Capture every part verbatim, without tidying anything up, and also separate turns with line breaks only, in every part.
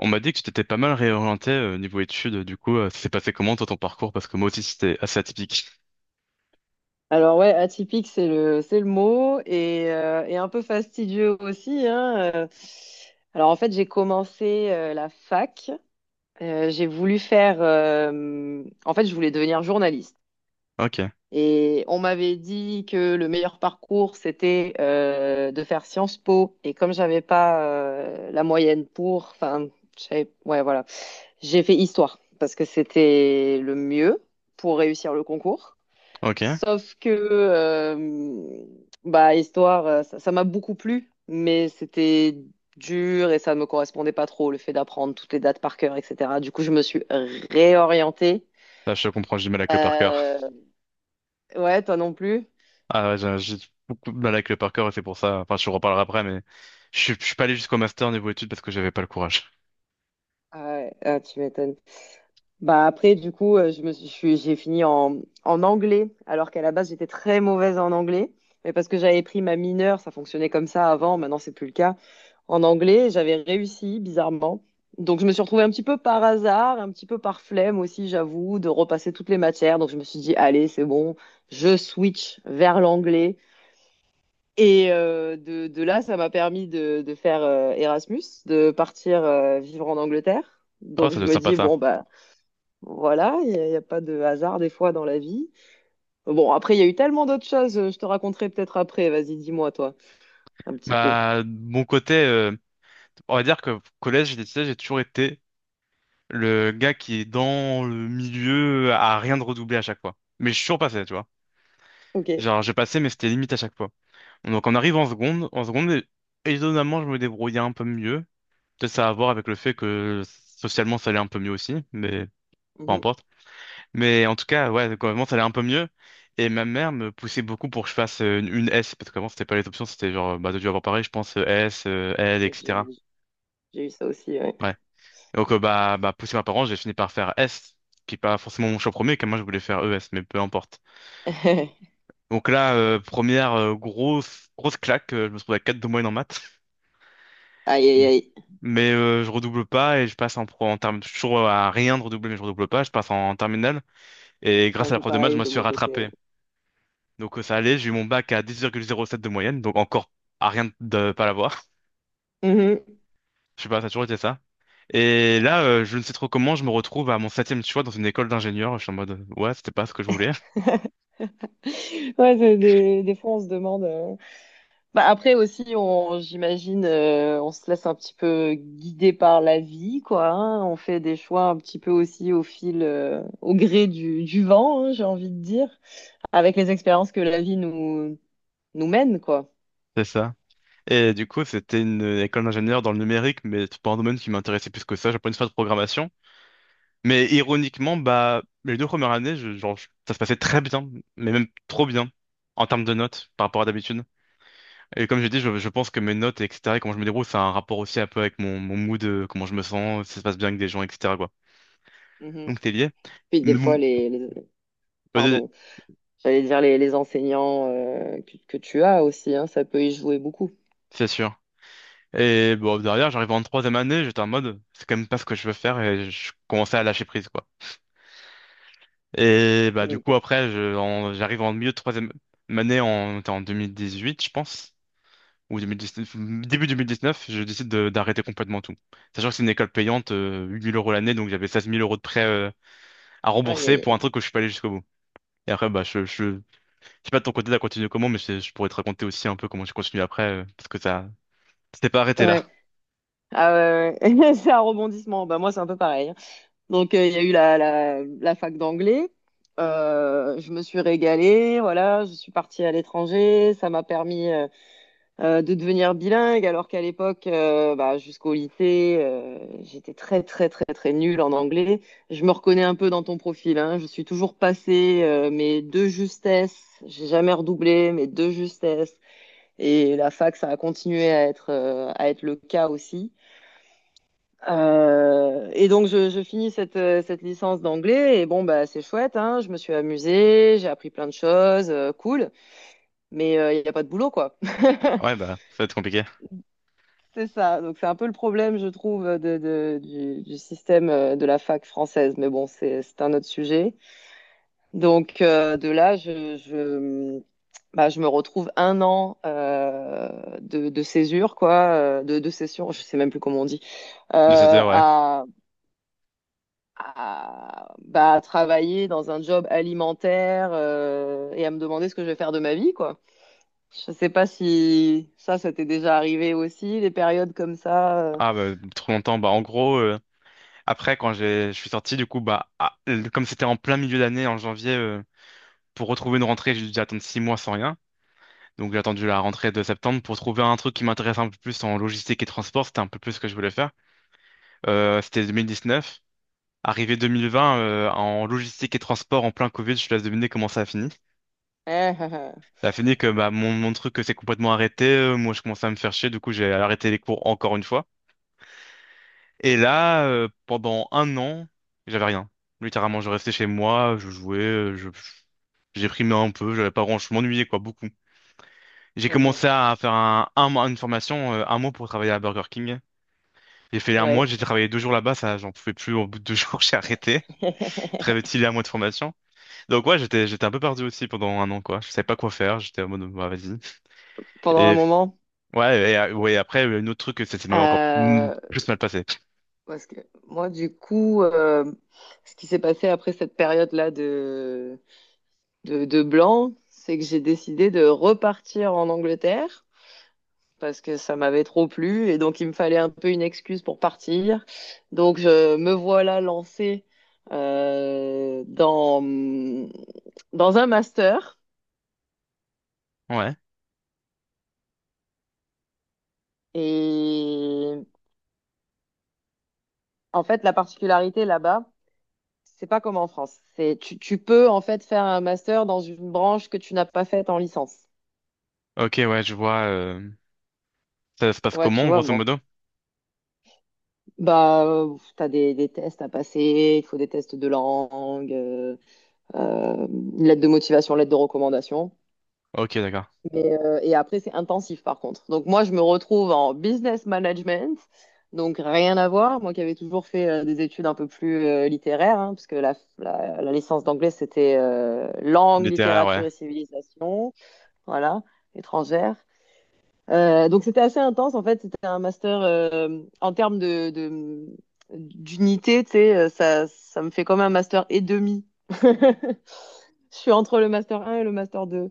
On m'a dit que tu t'étais pas mal réorienté euh, niveau études, du coup, euh, ça s'est passé comment toi ton parcours? Parce que moi aussi c'était assez atypique.
Alors ouais, atypique, c'est le, c'est le mot et, euh, et un peu fastidieux aussi, hein. euh. Alors en fait, j'ai commencé euh, la fac. Euh, j'ai voulu faire... euh, en fait, je voulais devenir journaliste.
Ok,
Et on m'avait dit que le meilleur parcours, c'était euh, de faire Sciences Po. Et comme j'avais pas euh, la moyenne pour... Enfin, je savais- ouais, voilà. J'ai fait histoire parce que c'était le mieux pour réussir le concours.
ok.
Sauf que, euh, bah, histoire, euh, ça ça m'a beaucoup plu, mais c'était dur et ça ne me correspondait pas trop, le fait d'apprendre toutes les dates par cœur, et cetera. Du coup, je me suis réorientée.
Là je comprends, j'ai du mal avec le par cœur.
Euh, ouais, toi non plus.
Ah ouais, j'ai j'ai beaucoup de mal avec le par cœur et c'est pour ça, enfin je vous reparlerai après, mais je suis je suis pas allé jusqu'au master niveau études parce que j'avais pas le courage.
Ah ouais, ah, tu m'étonnes. Bah après, du coup, euh, je me suis, je suis- j'ai fini en, en anglais, alors qu'à la base, j'étais très mauvaise en anglais. Mais parce que j'avais pris ma mineure, ça fonctionnait comme ça avant, maintenant, c'est plus le cas. En anglais, j'avais réussi, bizarrement. Donc, je me suis retrouvée un petit peu par hasard, un petit peu par flemme aussi, j'avoue, de repasser toutes les matières. Donc, je me suis dit, allez, c'est bon, je switch vers l'anglais. Et euh, de, de là, ça m'a permis de, de faire euh, Erasmus, de partir euh, vivre en Angleterre.
Oh,
Donc,
ça
je
doit être
me
sympa
dis,
ça.
bon, bah. Voilà, il n'y a, y a pas de hasard des fois dans la vie. Bon, après, il y a eu tellement d'autres choses, euh, je te raconterai peut-être après. Vas-y, dis-moi, toi, un petit peu.
Bah, de mon côté, euh, On va dire que collège et lycée, j'ai toujours été le gars qui est dans le milieu à rien de redoubler à chaque fois. Mais je suis toujours passé, tu vois.
Ok.
Genre, j'ai passé, mais c'était limite à chaque fois. Donc, on arrive en seconde. En seconde, étonnamment, je me débrouillais un peu mieux. Peut-être ça a à voir avec le fait que socialement, ça allait un peu mieux aussi, mais peu
Mhm.
importe. Mais en tout cas, ouais, quand même, ça allait un peu mieux. Et ma mère me poussait beaucoup pour que je fasse euh, une, une S, parce qu'avant, c'était pas les options, c'était genre, bah, t'as dû avoir pareil, je pense, euh, S, euh, L,
J'ai
et cetera.
j'ai eu ça aussi, ouais.
Donc, euh, bah, bah, poussé par mes parents, j'ai fini par faire S, qui est pas forcément mon choix premier, car moi, je voulais faire E S, mais peu importe. Donc là, euh, première euh, grosse, grosse claque, euh, je me retrouve à quatre de moyenne en maths.
Aïe, aïe, aïe.
Mais euh, je redouble pas et je passe en, pro- en terme, toujours à rien de redoubler, mais je redouble pas, je passe en, en, terminale. Et
C'est
grâce
un
à la
peu
prof de maths, je
pareil
me
de
suis
mon côté. Ouais.
rattrapé. Donc euh, ça allait, j'ai eu mon bac à dix virgule zéro sept de moyenne, donc encore à rien de pas l'avoir.
Mhm.
Je sais pas, ça a toujours été ça. Et là, euh, je ne sais trop comment, je me retrouve à mon septième choix dans une école d'ingénieur. Je suis en mode, ouais, c'était pas ce que je voulais.
Ouais, c'est des, des fois, on se demande. euh. Bah, après aussi, on, j'imagine, euh, on se laisse un petit peu guider par la vie, quoi. Hein. On fait des choix un petit peu aussi au fil, euh, au gré du, du vent, hein, j'ai envie de dire. Avec les expériences que la vie nous, nous mène, quoi.
C'est ça. Et du coup, c'était une école d'ingénieur dans le numérique, mais c'est pas un domaine qui m'intéressait plus que ça. J'apprenais une faire de programmation. Mais ironiquement, bah, les deux premières années, je- genre, je- ça se passait très bien, mais même trop bien, en termes de notes, par rapport à d'habitude. Et comme j'ai dit, je, je pense que mes notes, et cetera, et comment je me débrouille, ça a un rapport aussi un peu avec mon, mon mood, euh, comment je me sens, si ça se passe bien avec des gens, et cetera, quoi.
Mhm.
Donc, c'est lié.
Puis des
Mais
fois,
bon,
les, les-
vas-y,
pardon, j'allais dire les, les enseignants euh, que, que tu as aussi, hein, ça peut y jouer beaucoup.
c'est sûr. Et bon, derrière, j'arrive en troisième année, j'étais en mode, c'est quand même pas ce que je veux faire, et je commençais à lâcher prise, quoi. Et bah du
Mhm.
coup après je, en- j'arrive en milieu de troisième année en, en deux mille dix-huit je pense ou deux mille dix-neuf, début deux mille dix-neuf je décide de- d'arrêter complètement tout. Sachant que c'est une école payante euh, huit mille euros l'année donc j'avais seize mille euros de prêt euh, à
Aïe,
rembourser
aïe,
pour un truc que je suis pas allé jusqu'au bout. Et après bah je, je, je sais pas de ton côté t'as continué comment mais je, je pourrais te raconter aussi un peu comment j'ai continué après euh, parce que ça c'était pas arrêté
aïe.
là.
Ouais. Ah ouais, ouais. C'est un rebondissement. Bah, moi, c'est un peu pareil. Hein. Donc, euh, il y a eu la, la, la fac d'anglais. Euh, je me suis régalée, voilà, je suis partie à l'étranger, ça m'a permis euh, euh, de devenir bilingue, alors qu'à l'époque, euh, bah, jusqu'au lycée, euh, j'étais très, très, très, très nulle en anglais. Je me reconnais un peu dans ton profil, hein. Je suis toujours passée, euh, mais de justesse. J'ai jamais redoublé, mais de justesse. Et la fac, ça a continué à être, euh, à être le cas aussi. Euh, et donc je, je finis cette, euh, cette licence d'anglais et bon bah c'est chouette hein, je me suis amusée, j'ai appris plein de choses, euh, cool, mais il n'y a pas de boulot quoi.
Ouais bah ça va être compliqué.
C'est ça. Donc, c'est un peu le problème, je trouve, de, de- du, du système euh, de la fac française. Mais bon, c'est, c'est un autre sujet. Donc, euh, de là, je, je, bah, je me retrouve un an euh, de, de césure, quoi, euh, de, de césure, je sais même plus comment on dit, euh,
De cette heure ouais.
à, à, bah, à travailler dans un job alimentaire euh, et à me demander ce que je vais faire de ma vie, quoi. Je sais pas si ça, ça t'est déjà arrivé aussi, des périodes comme ça.
Ah bah trop longtemps bah en gros euh, Après, quand j'ai, je suis sorti, du coup, bah, ah, le- comme c'était en plein milieu d'année, en janvier, euh, pour retrouver une rentrée, j'ai dû attendre six mois sans rien. Donc, j'ai attendu la rentrée de septembre pour trouver un truc qui m'intéresse un peu plus en logistique et transport. C'était un peu plus ce que je voulais faire. Euh, c'était deux mille dix-neuf. Arrivé deux mille vingt, euh, en logistique et transport, en plein Covid, je te laisse deviner comment ça a fini.
euh.
Ça a fini que bah, mon, mon truc euh, s'est complètement arrêté. Euh, moi, je commençais à me faire chier. Du coup, j'ai arrêté les cours encore une fois. Et là, euh, pendant un an, j'avais rien. Littéralement, je restais chez moi, je jouais, euh, je, J'ai primé un peu, j'avais pas grand, je m'ennuyais quoi, beaucoup. J'ai
Mhm.
commencé à faire un, un mois, une formation, euh, un mois pour travailler à Burger King. J'ai fait un mois,
Ouais.
j'ai travaillé deux jours là-bas, ça, j'en pouvais plus. Au bout de deux jours, j'ai arrêté. Très vite, il y a un mois de formation. Donc ouais, j'étais, j'étais un peu perdu aussi pendant un an quoi. Je savais pas quoi faire, j'étais en mode bah, vas-y.
Pendant un
Et
moment.
ouais, et, euh, ouais, après euh, un autre truc, ça ça m'avait encore mm,
Euh,
plus mal passé.
parce que moi, du coup, euh, ce qui s'est passé après cette période-là de, de, de blanc, c'est que j'ai décidé de repartir en Angleterre parce que ça m'avait trop plu et donc il me fallait un peu une excuse pour partir. Donc je me voilà lancée euh, dans, dans un master
Ouais.
et en fait, la particularité là-bas, c'est pas comme en France. C'est tu, tu peux en fait faire un master dans une branche que tu n'as pas faite en licence.
Ok, ouais, je vois. euh, Ça se passe
Ouais, tu
comment,
vois,
grosso
bon.
modo?
Bah, euh, t'as des, des tests à passer, il faut des tests de langue, euh, euh, une lettre de motivation, lettre de recommandation.
Ok, d'accord.
Mais, euh, et après, c'est intensif par contre. Donc moi, je me retrouve en business management, donc rien à voir. Moi qui avais toujours fait euh, des études un peu plus euh, littéraires, hein, parce que la, la, la licence d'anglais, c'était euh, langue,
Littéraire, ouais.
littérature et civilisation. Voilà, étrangère. Euh, donc c'était assez intense en fait, c'était un master euh, en termes de, de- d'unité, tu sais, euh, ça, ça me fait comme un master et demi. Je suis entre le master un et le master deux.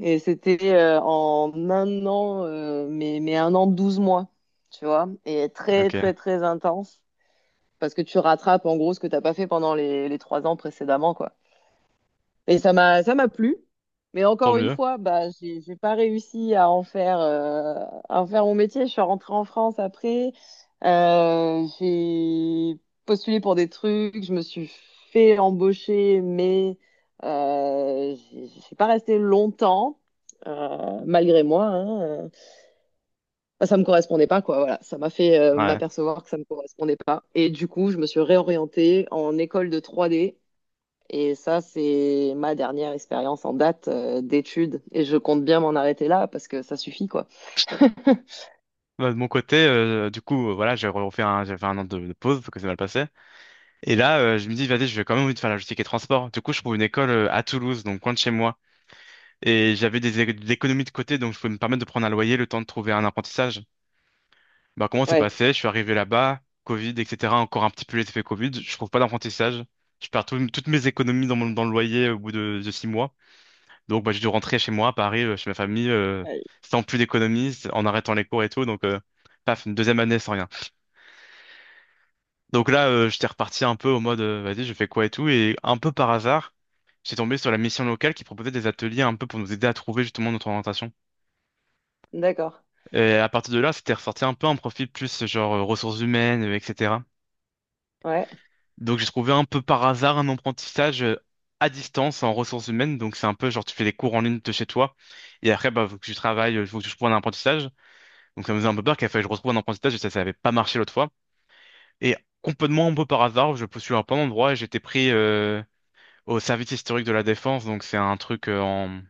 Et c'était euh, en un an, euh, mais, mais un an, douze mois, tu vois, et très très
Ok.
très intense, parce que tu rattrapes en gros ce que t'as pas fait pendant les, les trois ans précédemment, quoi. Et ça m'a ça m'a plu. Mais
Tant
encore une
mieux.
fois, bah, j'ai j'ai pas réussi à en faire euh, à en faire mon métier. Je suis rentrée en France après. Euh, j'ai postulé pour des trucs. Je me suis fait embaucher, mais euh, j'ai j'ai pas resté longtemps. euh, malgré moi, hein, euh. Bah, ça me correspondait pas, quoi. Voilà, ça m'a fait euh,
Ouais.
m'apercevoir que ça me correspondait pas. Et du coup, je me suis réorientée en école de trois D et ça, c'est ma dernière expérience en date euh, d'études. Et je compte bien m'en arrêter là parce que ça suffit, quoi.
Bah, de mon côté, euh, du coup, euh, voilà, j'ai refait un, j'ai fait un an de, de pause parce que c'est mal passé. Et là, euh, je me dis, vas-y, je vais quand même envie de faire la logistique et transport. Du coup, je trouve une école euh, à Toulouse, donc loin de chez moi. Et j'avais des, é- des économies de côté, donc je pouvais me permettre de prendre un loyer le temps de trouver un apprentissage. Bah, comment c'est
Ouais.
passé? Je suis arrivé là-bas, Covid, et cetera. Encore un petit peu les effets Covid. Je trouve pas d'apprentissage. Je perds tout- toutes mes économies dans mon, dans le loyer au bout de, de six mois. Donc, bah, j'ai dû rentrer chez moi, à Paris, euh, chez ma famille, euh,
Ouais.
sans plus d'économies, en arrêtant les cours et tout. Donc, euh, paf, une deuxième année sans rien. Donc là, euh, j'étais reparti un peu au mode, euh, vas-y, je fais quoi et tout. Et un peu par hasard, j'ai tombé sur la mission locale qui proposait des ateliers un peu pour nous aider à trouver justement notre orientation.
D'accord.
Et à partir de là, c'était ressorti un peu un profil plus euh, genre euh, ressources humaines, euh, et cetera.
Ouais.
Donc j'ai trouvé un peu par hasard un apprentissage euh, à distance en ressources humaines. Donc c'est un peu genre tu fais des cours en ligne de chez toi. Et après, bah, faut que je travaille, il faut que je trouve un apprentissage. Donc ça me faisait un peu peur qu'il fallait que je retrouve un apprentissage et ça, ça avait pas marché l'autre fois. Et complètement un peu par hasard, je postule à plein d'endroits et j'étais pris. euh, au service historique de la défense, donc c'est un truc euh, en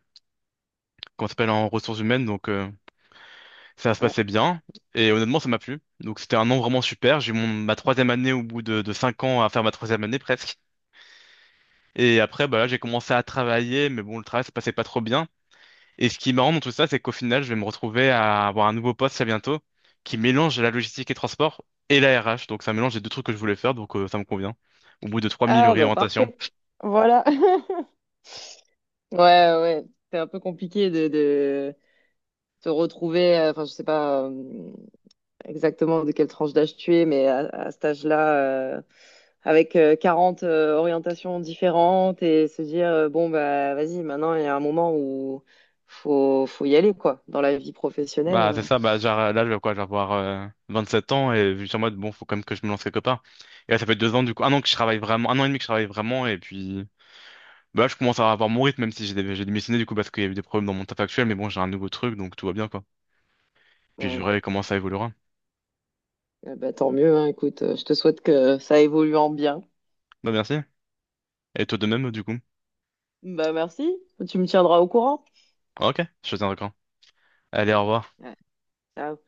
qu'on s'appelle en ressources humaines, donc euh, ça se
Ouais.
passait bien. Et honnêtement, ça m'a plu. Donc c'était un an vraiment super. J'ai eu mon ma troisième année au bout de, de cinq ans à faire ma troisième année presque. Et après, bah là, j'ai commencé à travailler, mais bon, le travail se passait pas trop bien. Et ce qui est marrant dans tout ça, c'est qu'au final, je vais me retrouver à avoir un nouveau poste très bientôt qui mélange la logistique et transport et la R H. Donc ça mélange les deux trucs que je voulais faire, donc euh, ça me convient. Au bout de trois mille
Ah, bah
réorientations.
parfait. Voilà. Ouais, ouais. C'est un peu compliqué de, de se retrouver, euh, enfin, je sais pas, euh, exactement de quelle tranche d'âge tu es, mais à, à cet âge-là, euh, avec euh, quarante euh, orientations différentes et se dire, euh, bon, bah, vas-y, maintenant, il y a un moment où faut, faut y aller, quoi, dans la vie
Bah,
professionnelle.
c'est ça, bah, genre, là, je vais quoi, je vais avoir euh, vingt-sept ans et je suis en mode, bon, faut quand même que je me lance quelque part. Et là, ça fait deux ans, du coup, un an que je travaille vraiment, un an et demi que je travaille vraiment, et puis, bah, là, je commence à avoir mon rythme, même si j'ai dé- j'ai démissionné, du coup, parce qu'il y a eu des problèmes dans mon taf actuel, mais bon, j'ai un nouveau truc, donc tout va bien, quoi. Puis, je
Ouais.
verrai comment ça évoluera.
Eh ben, tant mieux, hein, écoute, euh, je te souhaite que ça évolue en bien.
Bah, merci. Et toi de même, du coup.
Bah, merci, tu me tiendras au courant.
Ok, je te tiens d'accord. Allez, au revoir.
Ouais. Ciao.